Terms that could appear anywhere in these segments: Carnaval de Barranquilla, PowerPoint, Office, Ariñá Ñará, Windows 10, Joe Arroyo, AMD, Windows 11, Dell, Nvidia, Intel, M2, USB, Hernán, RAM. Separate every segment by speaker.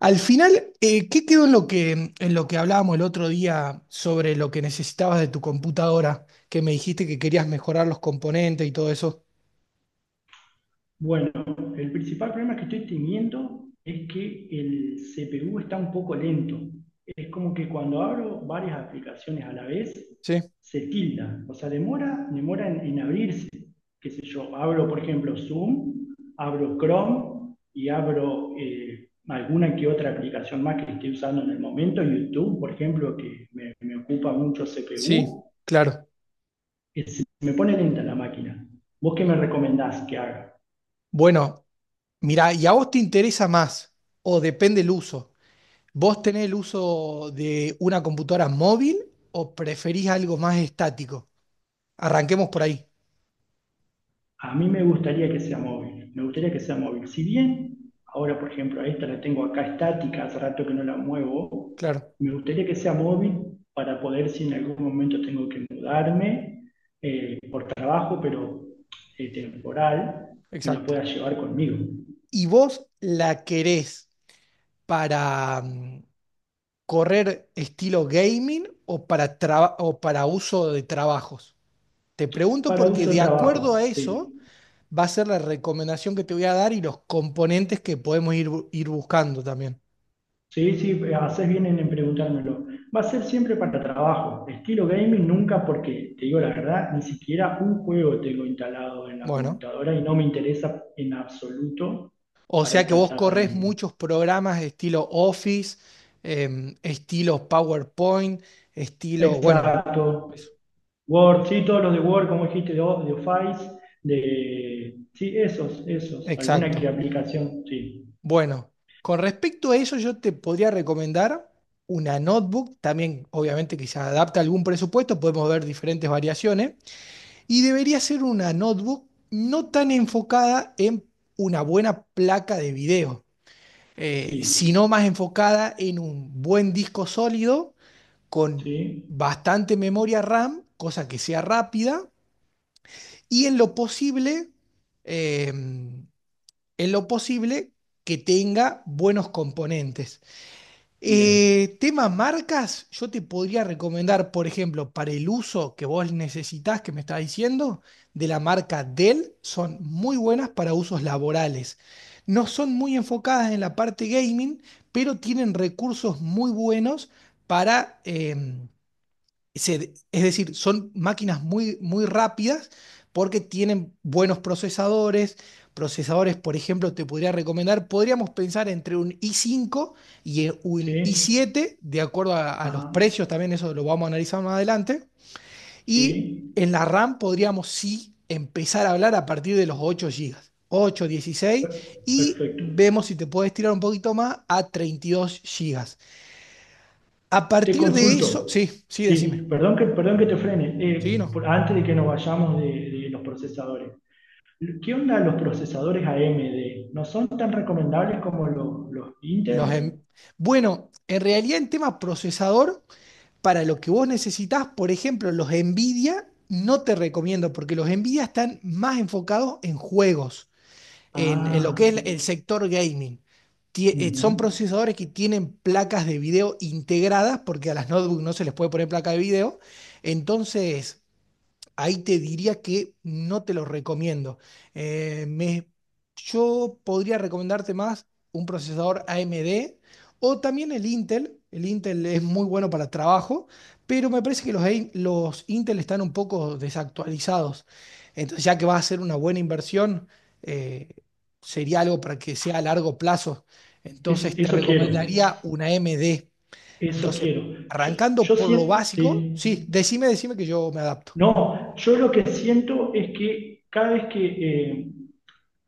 Speaker 1: Al final, ¿qué quedó en lo que hablábamos el otro día sobre lo que necesitabas de tu computadora? Que me dijiste que querías mejorar los componentes y todo eso.
Speaker 2: Bueno, el principal problema que estoy teniendo es que el CPU está un poco lento. Es como que cuando abro varias aplicaciones a la vez,
Speaker 1: Sí,
Speaker 2: se tilda. O sea, demora en abrirse. Qué sé yo, abro, por ejemplo, Zoom, abro Chrome y abro alguna que otra aplicación más que esté usando en el momento. YouTube, por ejemplo, que me ocupa mucho
Speaker 1: sí,
Speaker 2: CPU.
Speaker 1: claro.
Speaker 2: Me pone lenta la máquina. ¿Vos qué me recomendás que haga?
Speaker 1: Bueno, mirá, ¿y a vos te interesa más? O depende el uso. ¿Vos tenés el uso de una computadora móvil o preferís algo más estático? Arranquemos por ahí.
Speaker 2: A mí me gustaría que sea móvil, me gustaría que sea móvil. Si bien ahora, por ejemplo, a esta la tengo acá estática, hace rato que no la muevo,
Speaker 1: Claro,
Speaker 2: me gustaría que sea móvil para poder, si en algún momento tengo que mudarme por trabajo, pero temporal, me la
Speaker 1: exacto.
Speaker 2: pueda llevar conmigo
Speaker 1: ¿Y vos la querés para, correr estilo gaming o para uso de trabajos? Te pregunto
Speaker 2: para
Speaker 1: porque
Speaker 2: uso de
Speaker 1: de acuerdo a
Speaker 2: trabajo.
Speaker 1: eso
Speaker 2: Sí.
Speaker 1: va a ser la recomendación que te voy a dar y los componentes que podemos ir buscando también.
Speaker 2: Sí, sí, haces bien en preguntármelo. Va a ser siempre para trabajo. Estilo gaming nunca porque, te digo la verdad, ni siquiera un juego tengo instalado en la
Speaker 1: Bueno,
Speaker 2: computadora y no me interesa en absoluto
Speaker 1: o
Speaker 2: para
Speaker 1: sea que
Speaker 2: esta
Speaker 1: vos
Speaker 2: etapa de
Speaker 1: corres
Speaker 2: mi vida.
Speaker 1: muchos programas estilo Office, estilo PowerPoint, estilo, bueno,
Speaker 2: Exacto.
Speaker 1: eso.
Speaker 2: Word, sí, todos los de Word, como dijiste, de, de Office, de... Sí, esos, esos. Alguna que
Speaker 1: Exacto.
Speaker 2: aplicación, sí.
Speaker 1: Bueno, con respecto a eso, yo te podría recomendar una notebook, también obviamente que se adapta a algún presupuesto, podemos ver diferentes variaciones, y debería ser una notebook no tan enfocada en una buena placa de video,
Speaker 2: Sí,
Speaker 1: sino más enfocada en un buen disco sólido con
Speaker 2: sí,
Speaker 1: bastante memoria RAM, cosa que sea rápida, y eh, en lo posible que tenga buenos componentes.
Speaker 2: bien.
Speaker 1: Tema marcas, yo te podría recomendar, por ejemplo, para el uso que vos necesitás, que me estás diciendo, de la marca Dell, son muy buenas para usos laborales. No son muy enfocadas en la parte gaming, pero tienen recursos muy buenos para, es decir, son máquinas muy, muy rápidas porque tienen buenos procesadores. Procesadores, por ejemplo, te podría recomendar, podríamos pensar entre un i5 y un i
Speaker 2: Sí,
Speaker 1: siete de acuerdo a los
Speaker 2: ajá,
Speaker 1: precios, también eso lo vamos a analizar más adelante. Y
Speaker 2: sí.
Speaker 1: en la RAM podríamos sí empezar a hablar a partir de los 8 gigas, ocho, 16,
Speaker 2: per-
Speaker 1: y
Speaker 2: Perfecto.
Speaker 1: vemos si te puedes tirar un poquito más a 32 gigas. A
Speaker 2: Te
Speaker 1: partir de
Speaker 2: consulto.
Speaker 1: eso, sí, sí, decime.
Speaker 2: Sí, perdón que te frene.
Speaker 1: Sí, no.
Speaker 2: Antes de que nos vayamos de los procesadores. ¿Qué onda los procesadores AMD? ¿No son tan recomendables como los
Speaker 1: Los
Speaker 2: Intel?
Speaker 1: em- Bueno, en realidad en tema procesador, para lo que vos necesitás, por ejemplo, los Nvidia no te recomiendo porque los Nvidia están más enfocados en juegos, en lo que
Speaker 2: Ah,
Speaker 1: es el sector gaming.
Speaker 2: ujú.
Speaker 1: Son procesadores que tienen placas de video integradas porque a las notebooks no se les puede poner placa de video. Entonces, ahí te diría que no te lo recomiendo. Eh, me- yo podría recomendarte más un procesador AMD o también el Intel. El Intel es muy bueno para trabajo, pero me parece que los Intel están un poco desactualizados. Entonces, ya que va a ser una buena inversión, eh, sería algo para que sea a largo plazo. Entonces, te
Speaker 2: Eso quiero.
Speaker 1: recomendaría una AMD.
Speaker 2: Eso
Speaker 1: Entonces,
Speaker 2: quiero.
Speaker 1: arrancando
Speaker 2: Yo
Speaker 1: por lo
Speaker 2: siento...
Speaker 1: básico,
Speaker 2: sí.
Speaker 1: sí, decime que yo me adapto.
Speaker 2: No, yo lo que siento es que cada vez que... eh,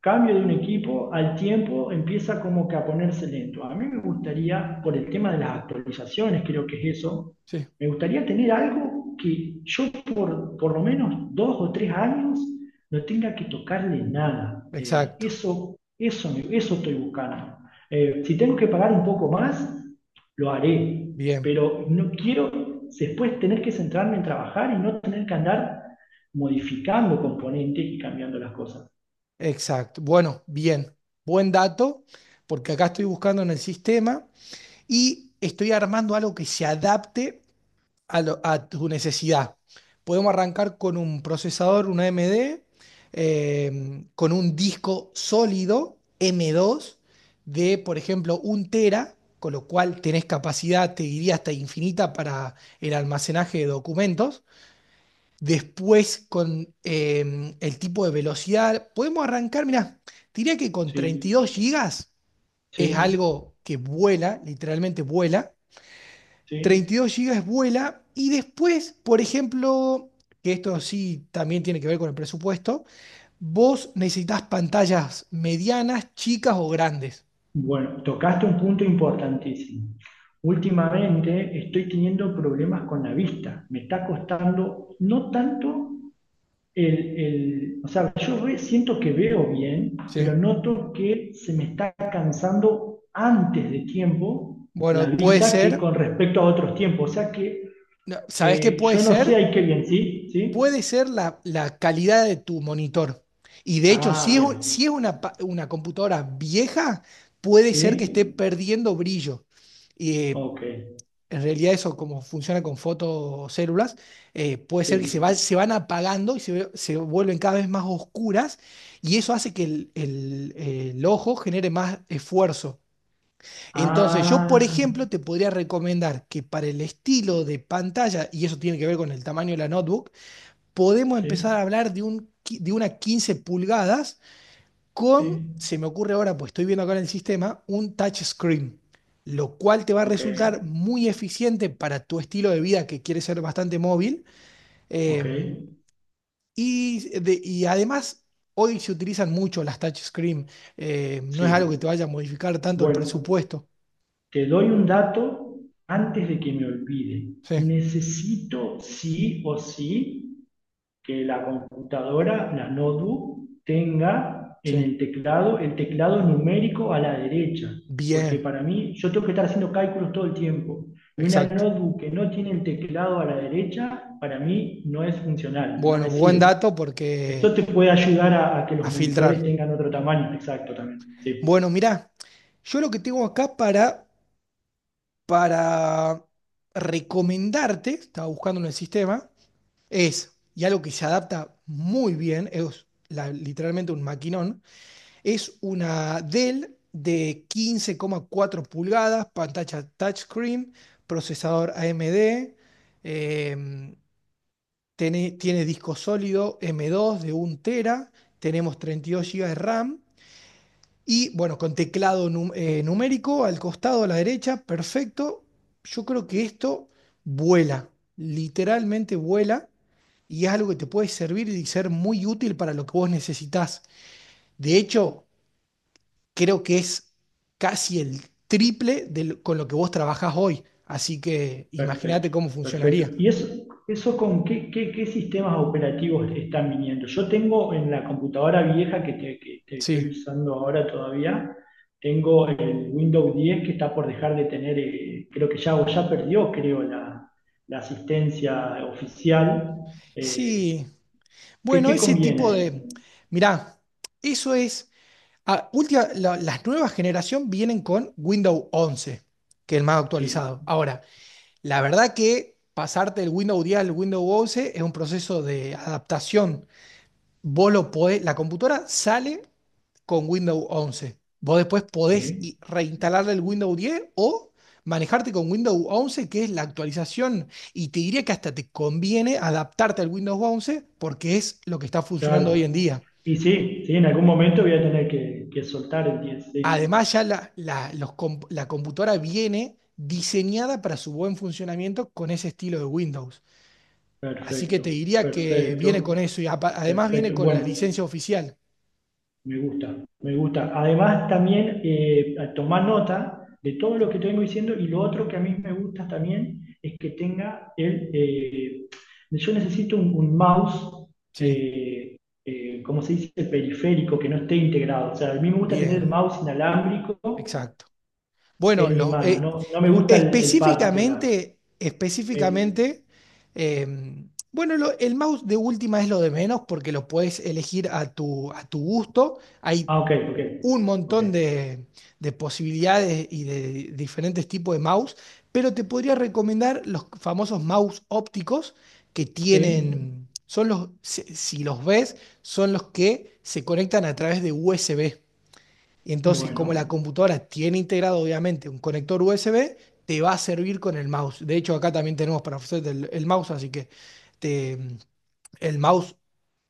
Speaker 2: cambio de un equipo, al tiempo empieza como que a ponerse lento. A mí me gustaría, por el tema de las actualizaciones, creo que es eso,
Speaker 1: Sí.
Speaker 2: me gustaría tener algo que yo por lo menos dos o tres años no tenga que tocarle nada.
Speaker 1: Exacto,
Speaker 2: Eso estoy buscando. Si tengo que pagar un poco más, lo haré,
Speaker 1: bien,
Speaker 2: pero no quiero después tener que centrarme en trabajar y no tener que andar modificando componentes y cambiando las cosas.
Speaker 1: exacto. Bueno, bien, buen dato, porque acá estoy buscando en el sistema y estoy armando algo que se adapte a tu necesidad. Podemos arrancar con un procesador, una AMD, con un disco sólido M2 de, por ejemplo, un tera, con lo cual tenés capacidad, te diría, hasta infinita para el almacenaje de documentos. Después, con el tipo de velocidad, podemos arrancar, mirá, diría que con treinta
Speaker 2: Sí.
Speaker 1: y dos gigas es
Speaker 2: Sí,
Speaker 1: algo que vuela, literalmente vuela.
Speaker 2: sí.
Speaker 1: 32 gigas vuela y después, por ejemplo, que esto sí también tiene que ver con el presupuesto, vos necesitas pantallas medianas, chicas o grandes.
Speaker 2: Bueno, tocaste un punto importantísimo. Últimamente estoy teniendo problemas con la vista. Me está costando no tanto o sea, siento que veo bien, pero
Speaker 1: ¿Sí?
Speaker 2: noto que se me está cansando antes de tiempo la
Speaker 1: Bueno, puede
Speaker 2: vista que
Speaker 1: ser,
Speaker 2: con respecto a otros tiempos. O sea que
Speaker 1: no, ¿sabés qué puede
Speaker 2: yo no sé
Speaker 1: ser?
Speaker 2: ahí qué bien, ¿sí?
Speaker 1: Puede
Speaker 2: ¿Sí?
Speaker 1: ser la calidad de tu monitor. Y de hecho,
Speaker 2: Ah,
Speaker 1: si es, un- si
Speaker 2: bien.
Speaker 1: es una computadora vieja, puede ser que esté
Speaker 2: ¿Sí?
Speaker 1: perdiendo brillo. Y
Speaker 2: Ok,
Speaker 1: en realidad eso, como funciona con fotocélulas, puede ser que se, va-
Speaker 2: sí.
Speaker 1: se van apagando y se vuelven cada vez más oscuras, y eso hace que el ojo genere más esfuerzo. Entonces, yo, por
Speaker 2: Ah,
Speaker 1: ejemplo, te podría recomendar que para el estilo de pantalla, y eso tiene que ver con el tamaño de la notebook, podemos empezar
Speaker 2: sí.
Speaker 1: a hablar de una 15 pulgadas
Speaker 2: Sí,
Speaker 1: con, se me ocurre ahora, pues estoy viendo acá en el sistema, un touch screen, lo cual te va a
Speaker 2: ok,
Speaker 1: resultar muy eficiente para tu estilo de vida que quiere ser bastante móvil.
Speaker 2: ok,
Speaker 1: eh, y además, hoy se utilizan mucho las touchscreen, no es algo
Speaker 2: sí.
Speaker 1: que te vaya a modificar tanto el
Speaker 2: Bueno,
Speaker 1: presupuesto.
Speaker 2: te doy un dato antes de que me olvide.
Speaker 1: Sí,
Speaker 2: Necesito sí o sí que la computadora, la notebook, tenga en
Speaker 1: sí.
Speaker 2: el teclado numérico a la derecha, porque
Speaker 1: Bien,
Speaker 2: para mí yo tengo que estar haciendo cálculos todo el tiempo. Y una
Speaker 1: exacto.
Speaker 2: notebook que no tiene el teclado a la derecha, para mí no es funcional, no
Speaker 1: Bueno,
Speaker 2: me
Speaker 1: buen
Speaker 2: sirve.
Speaker 1: dato porque
Speaker 2: Eso te puede ayudar a que
Speaker 1: a
Speaker 2: los
Speaker 1: filtrar.
Speaker 2: monitores tengan otro tamaño, exacto también. Sí,
Speaker 1: Bueno, mirá, yo lo que tengo acá para recomendarte, estaba buscando en el sistema, es, y algo que se adapta muy bien, es literalmente un maquinón, es una Dell de 15,4 pulgadas, pantalla touchscreen, procesador AMD, em, tiene disco sólido M2 de un tera, tenemos 32 gigas de RAM. Y bueno, con teclado numérico al costado, a la derecha, perfecto. Yo creo que esto vuela, literalmente vuela, y es algo que te puede servir y ser muy útil para lo que vos necesitás. De hecho, creo que es casi el triple con lo que vos trabajás hoy. Así que
Speaker 2: perfecto,
Speaker 1: imagínate cómo
Speaker 2: perfecto.
Speaker 1: funcionaría.
Speaker 2: ¿Y eso con qué, qué sistemas operativos están viniendo? Yo tengo en la computadora vieja que, que te
Speaker 1: Sí.
Speaker 2: estoy usando ahora todavía, tengo el Windows 10 que está por dejar de tener, creo que ya, o ya perdió, creo, la asistencia oficial. Eh,
Speaker 1: Sí.
Speaker 2: ¿Qué,
Speaker 1: Bueno,
Speaker 2: qué
Speaker 1: ese
Speaker 2: conviene
Speaker 1: tipo
Speaker 2: ahí?
Speaker 1: de... Mirá, eso es. Ah, las nuevas generación vienen con Windows 11, que es el más
Speaker 2: Sí,
Speaker 1: actualizado. Ahora, la verdad que pasarte del Windows 10 al Windows 11 es un proceso de adaptación. Vos lo podés, la computadora sale con Windows 11. Vos después podés
Speaker 2: sí.
Speaker 1: reinstalarle el Windows 10 o manejarte con Windows 11, que es la actualización. Y te diría que hasta te conviene adaptarte al Windows 11 porque es lo que está funcionando hoy en
Speaker 2: Claro.
Speaker 1: día.
Speaker 2: Y sí, sí, en algún momento voy a tener que soltar el 10 sí.
Speaker 1: Además, ya la computadora viene diseñada para su buen funcionamiento con ese estilo de Windows. Así que te
Speaker 2: Perfecto,
Speaker 1: diría que viene con
Speaker 2: perfecto,
Speaker 1: eso y además viene
Speaker 2: perfecto.
Speaker 1: con la
Speaker 2: Bueno,
Speaker 1: licencia oficial.
Speaker 2: me gusta, me gusta. Además, también a tomar nota de todo lo que te diciendo y lo otro que a mí me gusta también es que tenga el... yo necesito un mouse,
Speaker 1: Sí,
Speaker 2: eh, ¿cómo se dice? Periférico, que no esté integrado. O sea, a mí me gusta tener el
Speaker 1: bien,
Speaker 2: mouse inalámbrico
Speaker 1: exacto. Bueno,
Speaker 2: en mi mano, no, no me gusta el pad de la,
Speaker 1: específicamente,
Speaker 2: Sí.
Speaker 1: específicamente, eh, bueno, el mouse de última es lo de menos porque lo puedes elegir a tu gusto. Hay
Speaker 2: Ah, ok, ok,
Speaker 1: un
Speaker 2: ok.
Speaker 1: montón de posibilidades y de diferentes tipos de mouse, pero te podría recomendar los famosos mouse ópticos que
Speaker 2: Sí,
Speaker 1: tienen, son los, si los ves, son los que se conectan a través de USB. Y entonces, como la
Speaker 2: bueno,
Speaker 1: computadora tiene integrado obviamente un conector USB, te va a servir con el mouse. De hecho, acá también tenemos para ofrecerte el mouse, así que te, el mouse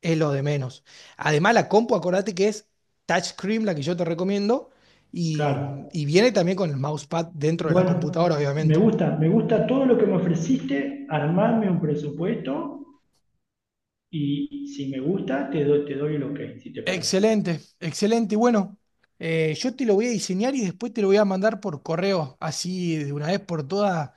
Speaker 1: es lo de menos. Además, la compu, acordate que es touchscreen, la que yo te recomiendo, y,
Speaker 2: claro.
Speaker 1: y viene también con el mousepad dentro de la
Speaker 2: Bueno,
Speaker 1: computadora, obviamente.
Speaker 2: me gusta todo lo que me ofreciste, armarme un presupuesto y si me gusta, te doy el ok, si te parece.
Speaker 1: Excelente, excelente. Y bueno, yo te lo voy a diseñar y después te lo voy a mandar por correo. Así de una vez por todas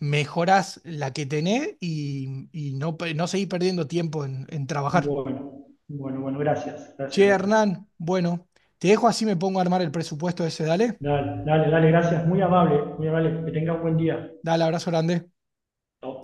Speaker 1: mejorás la que tenés y, no seguís perdiendo tiempo en trabajar.
Speaker 2: Bueno, bueno, bueno, gracias,
Speaker 1: Che,
Speaker 2: gracias, gracias.
Speaker 1: Hernán, bueno, te dejo así me pongo a armar el presupuesto ese, dale.
Speaker 2: Dale, dale, dale, gracias, muy amable, que tengas un buen día.
Speaker 1: Dale, abrazo grande.
Speaker 2: Chao.